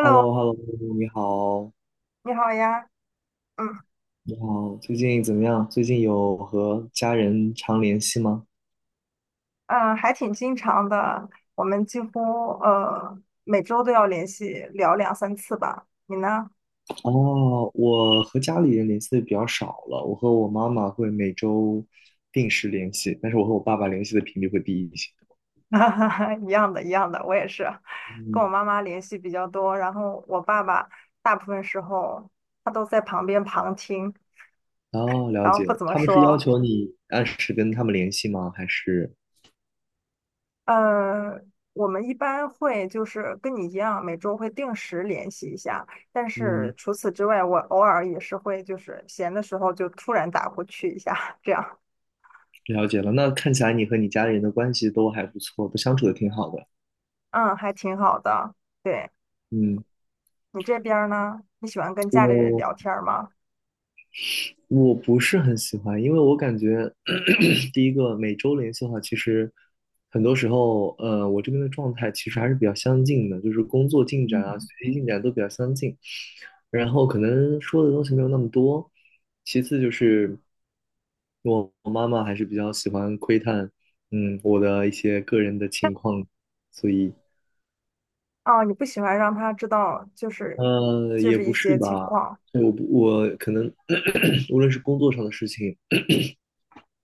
h e l l o h e l l o 你好，你好呀，嗯嗯，你好，最近怎么样？最近有和家人常联系吗？还挺经常的，我们几乎呃每周都要联系聊两三次吧。你呢？哦，我和家里人联系的比较少了，我和我妈妈会每周定时联系，但是我和我爸爸联系的频率会低一些。一样的，一样的，我也是，嗯，跟我妈妈联系比较多，然后我爸爸大部分时候他都在旁边旁听，哦，了然后解，不怎么他们是要说。求你按时跟他们联系吗？还是，呃，我们一般会就是跟你一样，每周会定时联系一下。但嗯，是除此之外，我偶尔也是会就是闲的时候就突然打过去一下，这样，了解了，那看起来你和你家里人的关系都还不错，都相处的挺好的。嗯，还挺好的。对，嗯，你这边儿呢？你喜欢跟家里人我。聊天儿吗？我不是很喜欢，因为我感觉 第一个每周联系的话，其实很多时候，我这边的状态其实还是比较相近的，就是工作进展啊、嗯，学习进展都比较相近，然后可能说的东西没有那么多。其次就是我妈妈还是比较喜欢窥探，嗯，我的一些个人的情况，所以。哦，你不喜欢让他知道，就是就也是不一是些情吧，况对，我可能 无论是工作上的事情，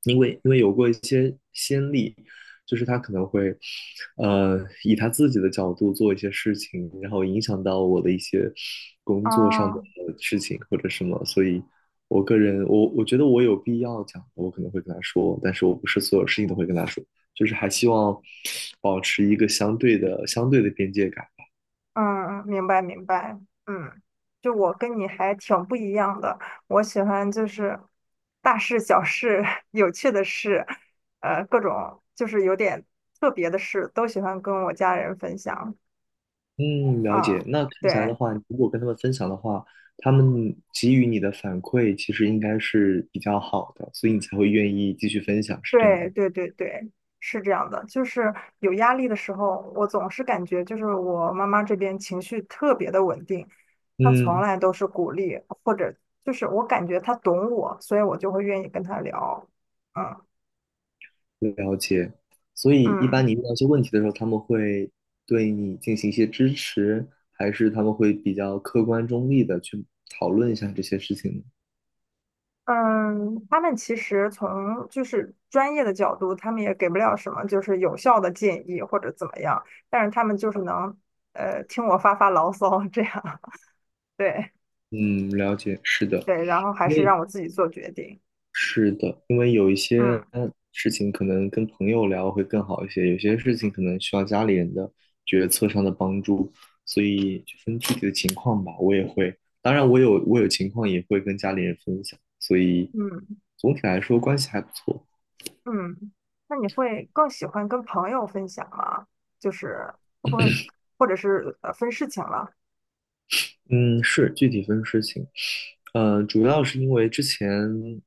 因为有过一些先例，就是他可能会，呃，以他自己的角度做一些事情，然后影响到我的一些工作上啊。的哦事情或者什么，所以我个人，我觉得我有必要讲，我可能会跟他说，但是我不是所有事情都会跟他说，就是还希望保持一个相对的边界感。嗯，明白明白，嗯，就我跟你还挺不一样的，我喜欢就是大事小事、有趣的事，各种就是有点特别的事，都喜欢跟我家人分享。嗯，了解。啊、那看起来的对话，如果跟他们分享的话，他们给予你的反馈其实应该是比较好的，所以你才会愿意继续分享，是这样对吗？对对对，是这样的，就是有压力的时候，我总是感觉就是我妈妈这边情绪特别的稳定，她从嗯，来都是鼓励，或者就是我感觉她懂我，所以我就会愿意跟她聊。嗯。了解。所以一般嗯你遇到一些问题的时候，他们会对你进行一些支持，还是他们会比较客观中立的去讨论一下这些事情呢？嗯，他们其实从就是专业的角度，他们也给不了什么就是有效的建议或者怎么样，但是他们就是能听我发发牢骚这样，对嗯，了解，是的。对，然后还因是让为我自己做决定。是的，因为有一些嗯事情可能跟朋友聊会更好一些，有些事情可能需要家里人的决策上的帮助，所以就分具体的情况吧。我也会，当然我有情况也会跟家里人分享，所以嗯总体来说关系还不错。嗯，那你会更喜欢跟朋友分享吗？就是会不会或者是分事情了？嗯，是具体分事情，主要是因为之前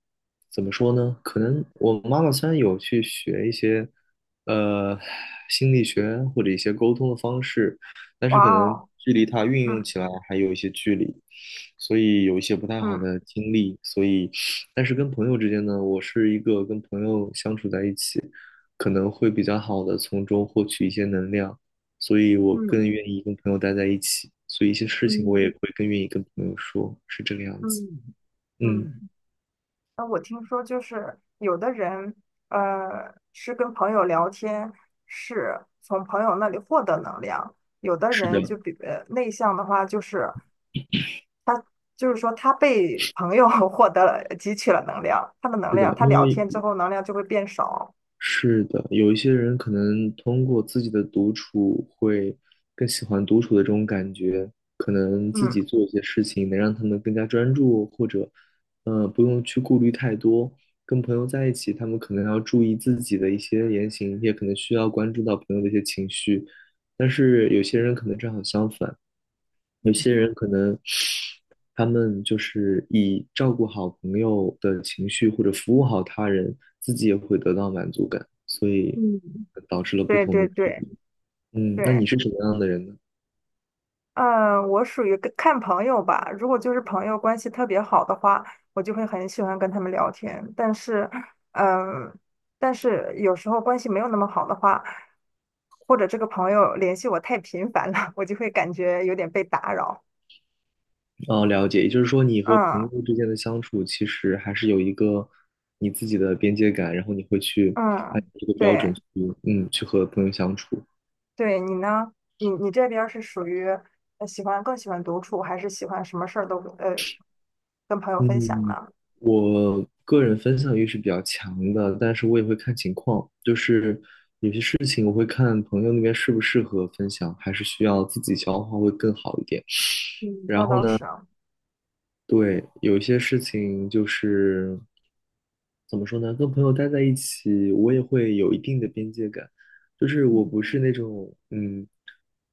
怎么说呢？可能我妈妈虽然有去学一些呃心理学或者一些沟通的方式，但哇是可能哦，距离她运用嗯起来还有一些距离，所以有一些不太好嗯的经历。所以，但是跟朋友之间呢，我是一个跟朋友相处在一起，可能会比较好的从中获取一些能量。所以我更嗯愿意跟朋友待在一起，所以一些事情我也嗯会更愿意跟朋友说，是这个样子。嗯嗯。嗯，嗯那我听说就是有的人，是跟朋友聊天，是从朋友那里获得能量；有的是的，人就比内向的话，就是说他被朋友 获得了汲取了能量，他的能是的，量，他因聊为天之后能量就会变少。是的，有一些人可能通过自己的独处会更喜欢独处的这种感觉，可能自嗯，己做一些事情能让他们更加专注，或者不用去顾虑太多。跟朋友在一起，他们可能要注意自己的一些言行，也可能需要关注到朋友的一些情绪。但是有些人可能正好相反，有嗯些人可能他们就是以照顾好朋友的情绪或者服务好他人，自己也会得到满足感，所以嗯，导致了不对同的对体对验。嗯，那你对。是什么样的人呢？嗯，我属于跟看朋友吧。如果就是朋友关系特别好的话，我就会很喜欢跟他们聊天。但是，嗯，但是有时候关系没有那么好的话，或者这个朋友联系我太频繁了，我就会感觉有点被打扰。哦，了解，也就是说你和朋嗯友之间的相处其实还是有一个你自己的边界感，然后你会去按嗯，照这个标准对去，嗯，去和朋友相处。对，你呢？你这边儿是属于喜欢更喜欢独处，还是喜欢什么事儿都跟朋友分享嗯，呢？我个人分享欲是比较强的，但是我也会看情况，就是事情我会看朋友那边适不适合分享，还是需要自己消化会更好一点。嗯然那后倒呢，是啊，对，有一些事情就是怎么说呢，跟朋友待在一起，我也会有一定的边界感，就是我嗯，不是那种嗯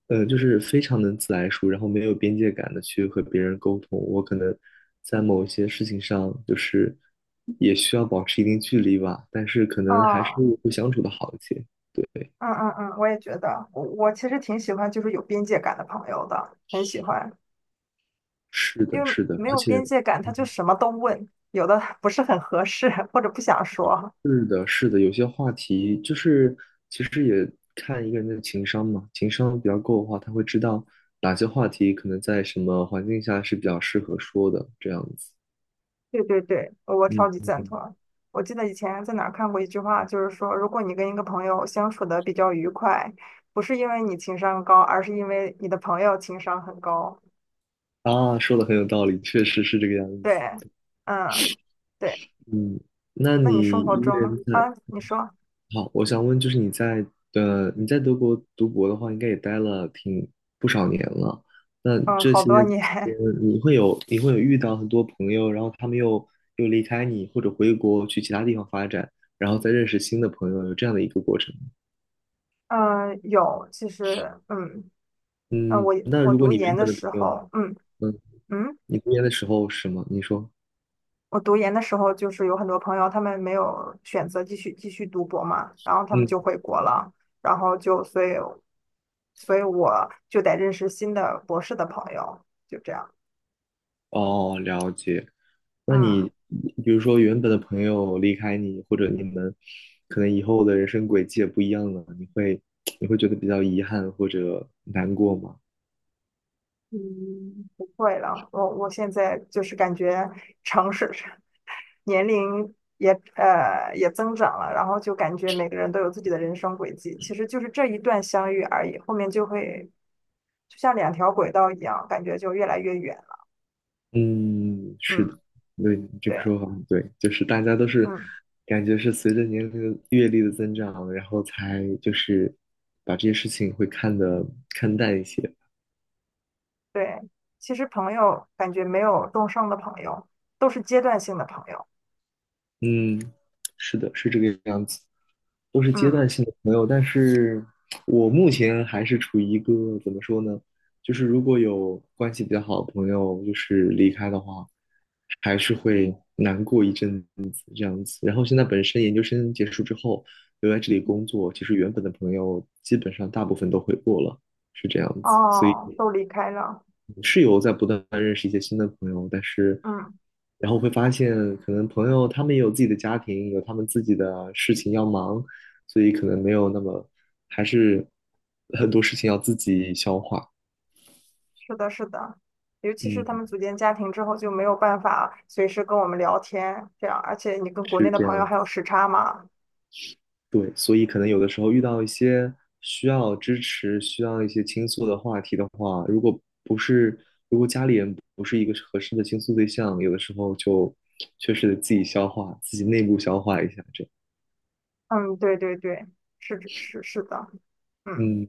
呃，就是非常能自来熟，然后没有边界感的去和别人沟通。我可能在某一些事情上，就是也需要保持一定距离吧，但是可能还是啊。会相处的好一些。对。嗯嗯嗯，我也觉得，我其实挺喜欢就是有边界感的朋友的，很喜欢，是的，因为是的，没而有且，边界感，他就嗯什么都问，有的不是很合适或者不想说。是的，是的，有些话题就是其实也看一个人的情商嘛，情商比较够的话，他会知道哪些话题可能在什么环境下是比较适合说的，这样子。对对对，我超嗯级嗯赞嗯。同。我记得以前在哪儿看过一句话，就是说，如果你跟一个朋友相处的比较愉快，不是因为你情商高，而是因为你的朋友情商很高。啊，说的很有道理，确实是这个样子。对，嗯，对。嗯，那那你你生活一个人中在，啊，你说，好，我想问，就是你在德国读博的话，应该也待了挺不少年了。那嗯，这好些多年。期间 你会有遇到很多朋友，然后他们又离开你，或者回国去其他地方发展，然后再认识新的朋友，有这样的一个过程吗？嗯、有，其实，嗯，呃，嗯，我那我如果读你研原的本的朋时友，候，嗯嗯，嗯，你读研的时候是吗？你说，我读研的时候，就是有很多朋友，他们没有选择继续读博嘛，然后他们嗯，就回国了，然后就所以，所以我就得认识新的博士的朋友，就这样，哦，了解。那嗯，你比如说原本的朋友离开你，或者你们可能以后的人生轨迹也不一样了，你会觉得比较遗憾或者难过吗？嗯，不会了，我现在就是感觉尝试。年龄也也增长了，然后就感觉每个人都有自己的人生轨迹，其实就是这一段相遇而已，后面就会就像两条轨道一样，感觉就越来越远了嗯，是的，嗯，对，你这个对，说法很对，就是大家都是嗯，感觉是随着年龄的阅历的增长，然后才就是把这些事情会看得看淡一些。对，其实朋友感觉没有终生的朋友，都是阶段性的朋友。嗯，是的，是这个样子，都是阶嗯，段性的朋友，但是我目前还是处于一个怎么说呢，就是如果有关系比较好的朋友就是离开的话，还是会难过一阵子这样子。然后现在本身研究生结束之后留在这里工作，其实原本的朋友基本上大部分都回国了，是这样子，所以。哦，都离开了。是有在不断认识一些新的朋友，但是嗯，然后会发现，可能朋友他们也有自己的家庭，有他们自己的事情要忙，所以可能没有那么，还是很多事情要自己消化。是的，是的。尤其是他嗯，们组建家庭之后，就没有办法随时跟我们聊天，这样，而且你跟国是内的这朋样友还有子。时差嘛，对，所以可能有的时候遇到一些需要支持、需要一些倾诉的话题的话，如果不是，如果家里人不是一个合适的倾诉对象，有的时候就确实得自己消化，自己内部消化一下，这样。嗯，对对对，是是是的，嗯嗯，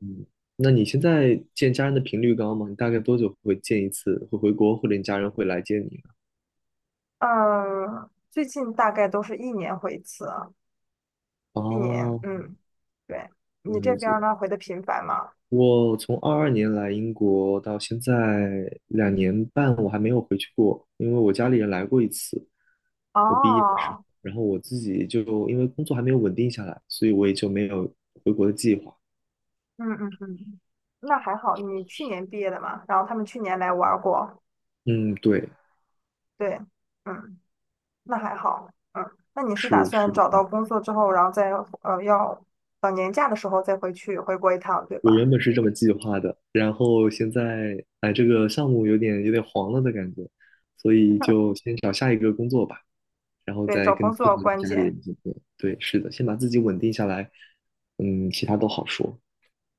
那你现在见家人的频率高吗？你大概多久会见一次？会回国，或者你家人会来接你呢？最近大概都是一年回一次，一年，哦，嗯，对，你这了边解。儿呢回的频繁吗？我从22年来英国到现在2年半，我还没有回去过，因为我家里人来过一次，我毕业的时候，哦，然后我自己就因为工作还没有稳定下来，所以我也就没有回国的计划。嗯嗯嗯，那还好，你去年毕业的嘛，然后他们去年来玩儿过，嗯，对，对，嗯，那还好，嗯，那你是打是是算的。找到工作之后，然后再要等年假的时候再回去回国一趟，对我吧？原本是这么计划的，然后现在哎，这个项目有点黄了的感觉，所以就先找下一个工作吧，然后对，再找跟工自后作跟关家里键人见面。对，是的，先把自己稳定下来，嗯，其他都好说。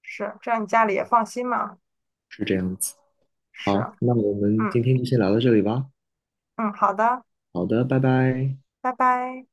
是，这样你家里也放心嘛，是这是。好，那我们嗯。今天就先聊到这里吧。嗯，好的，好的，拜拜。拜拜。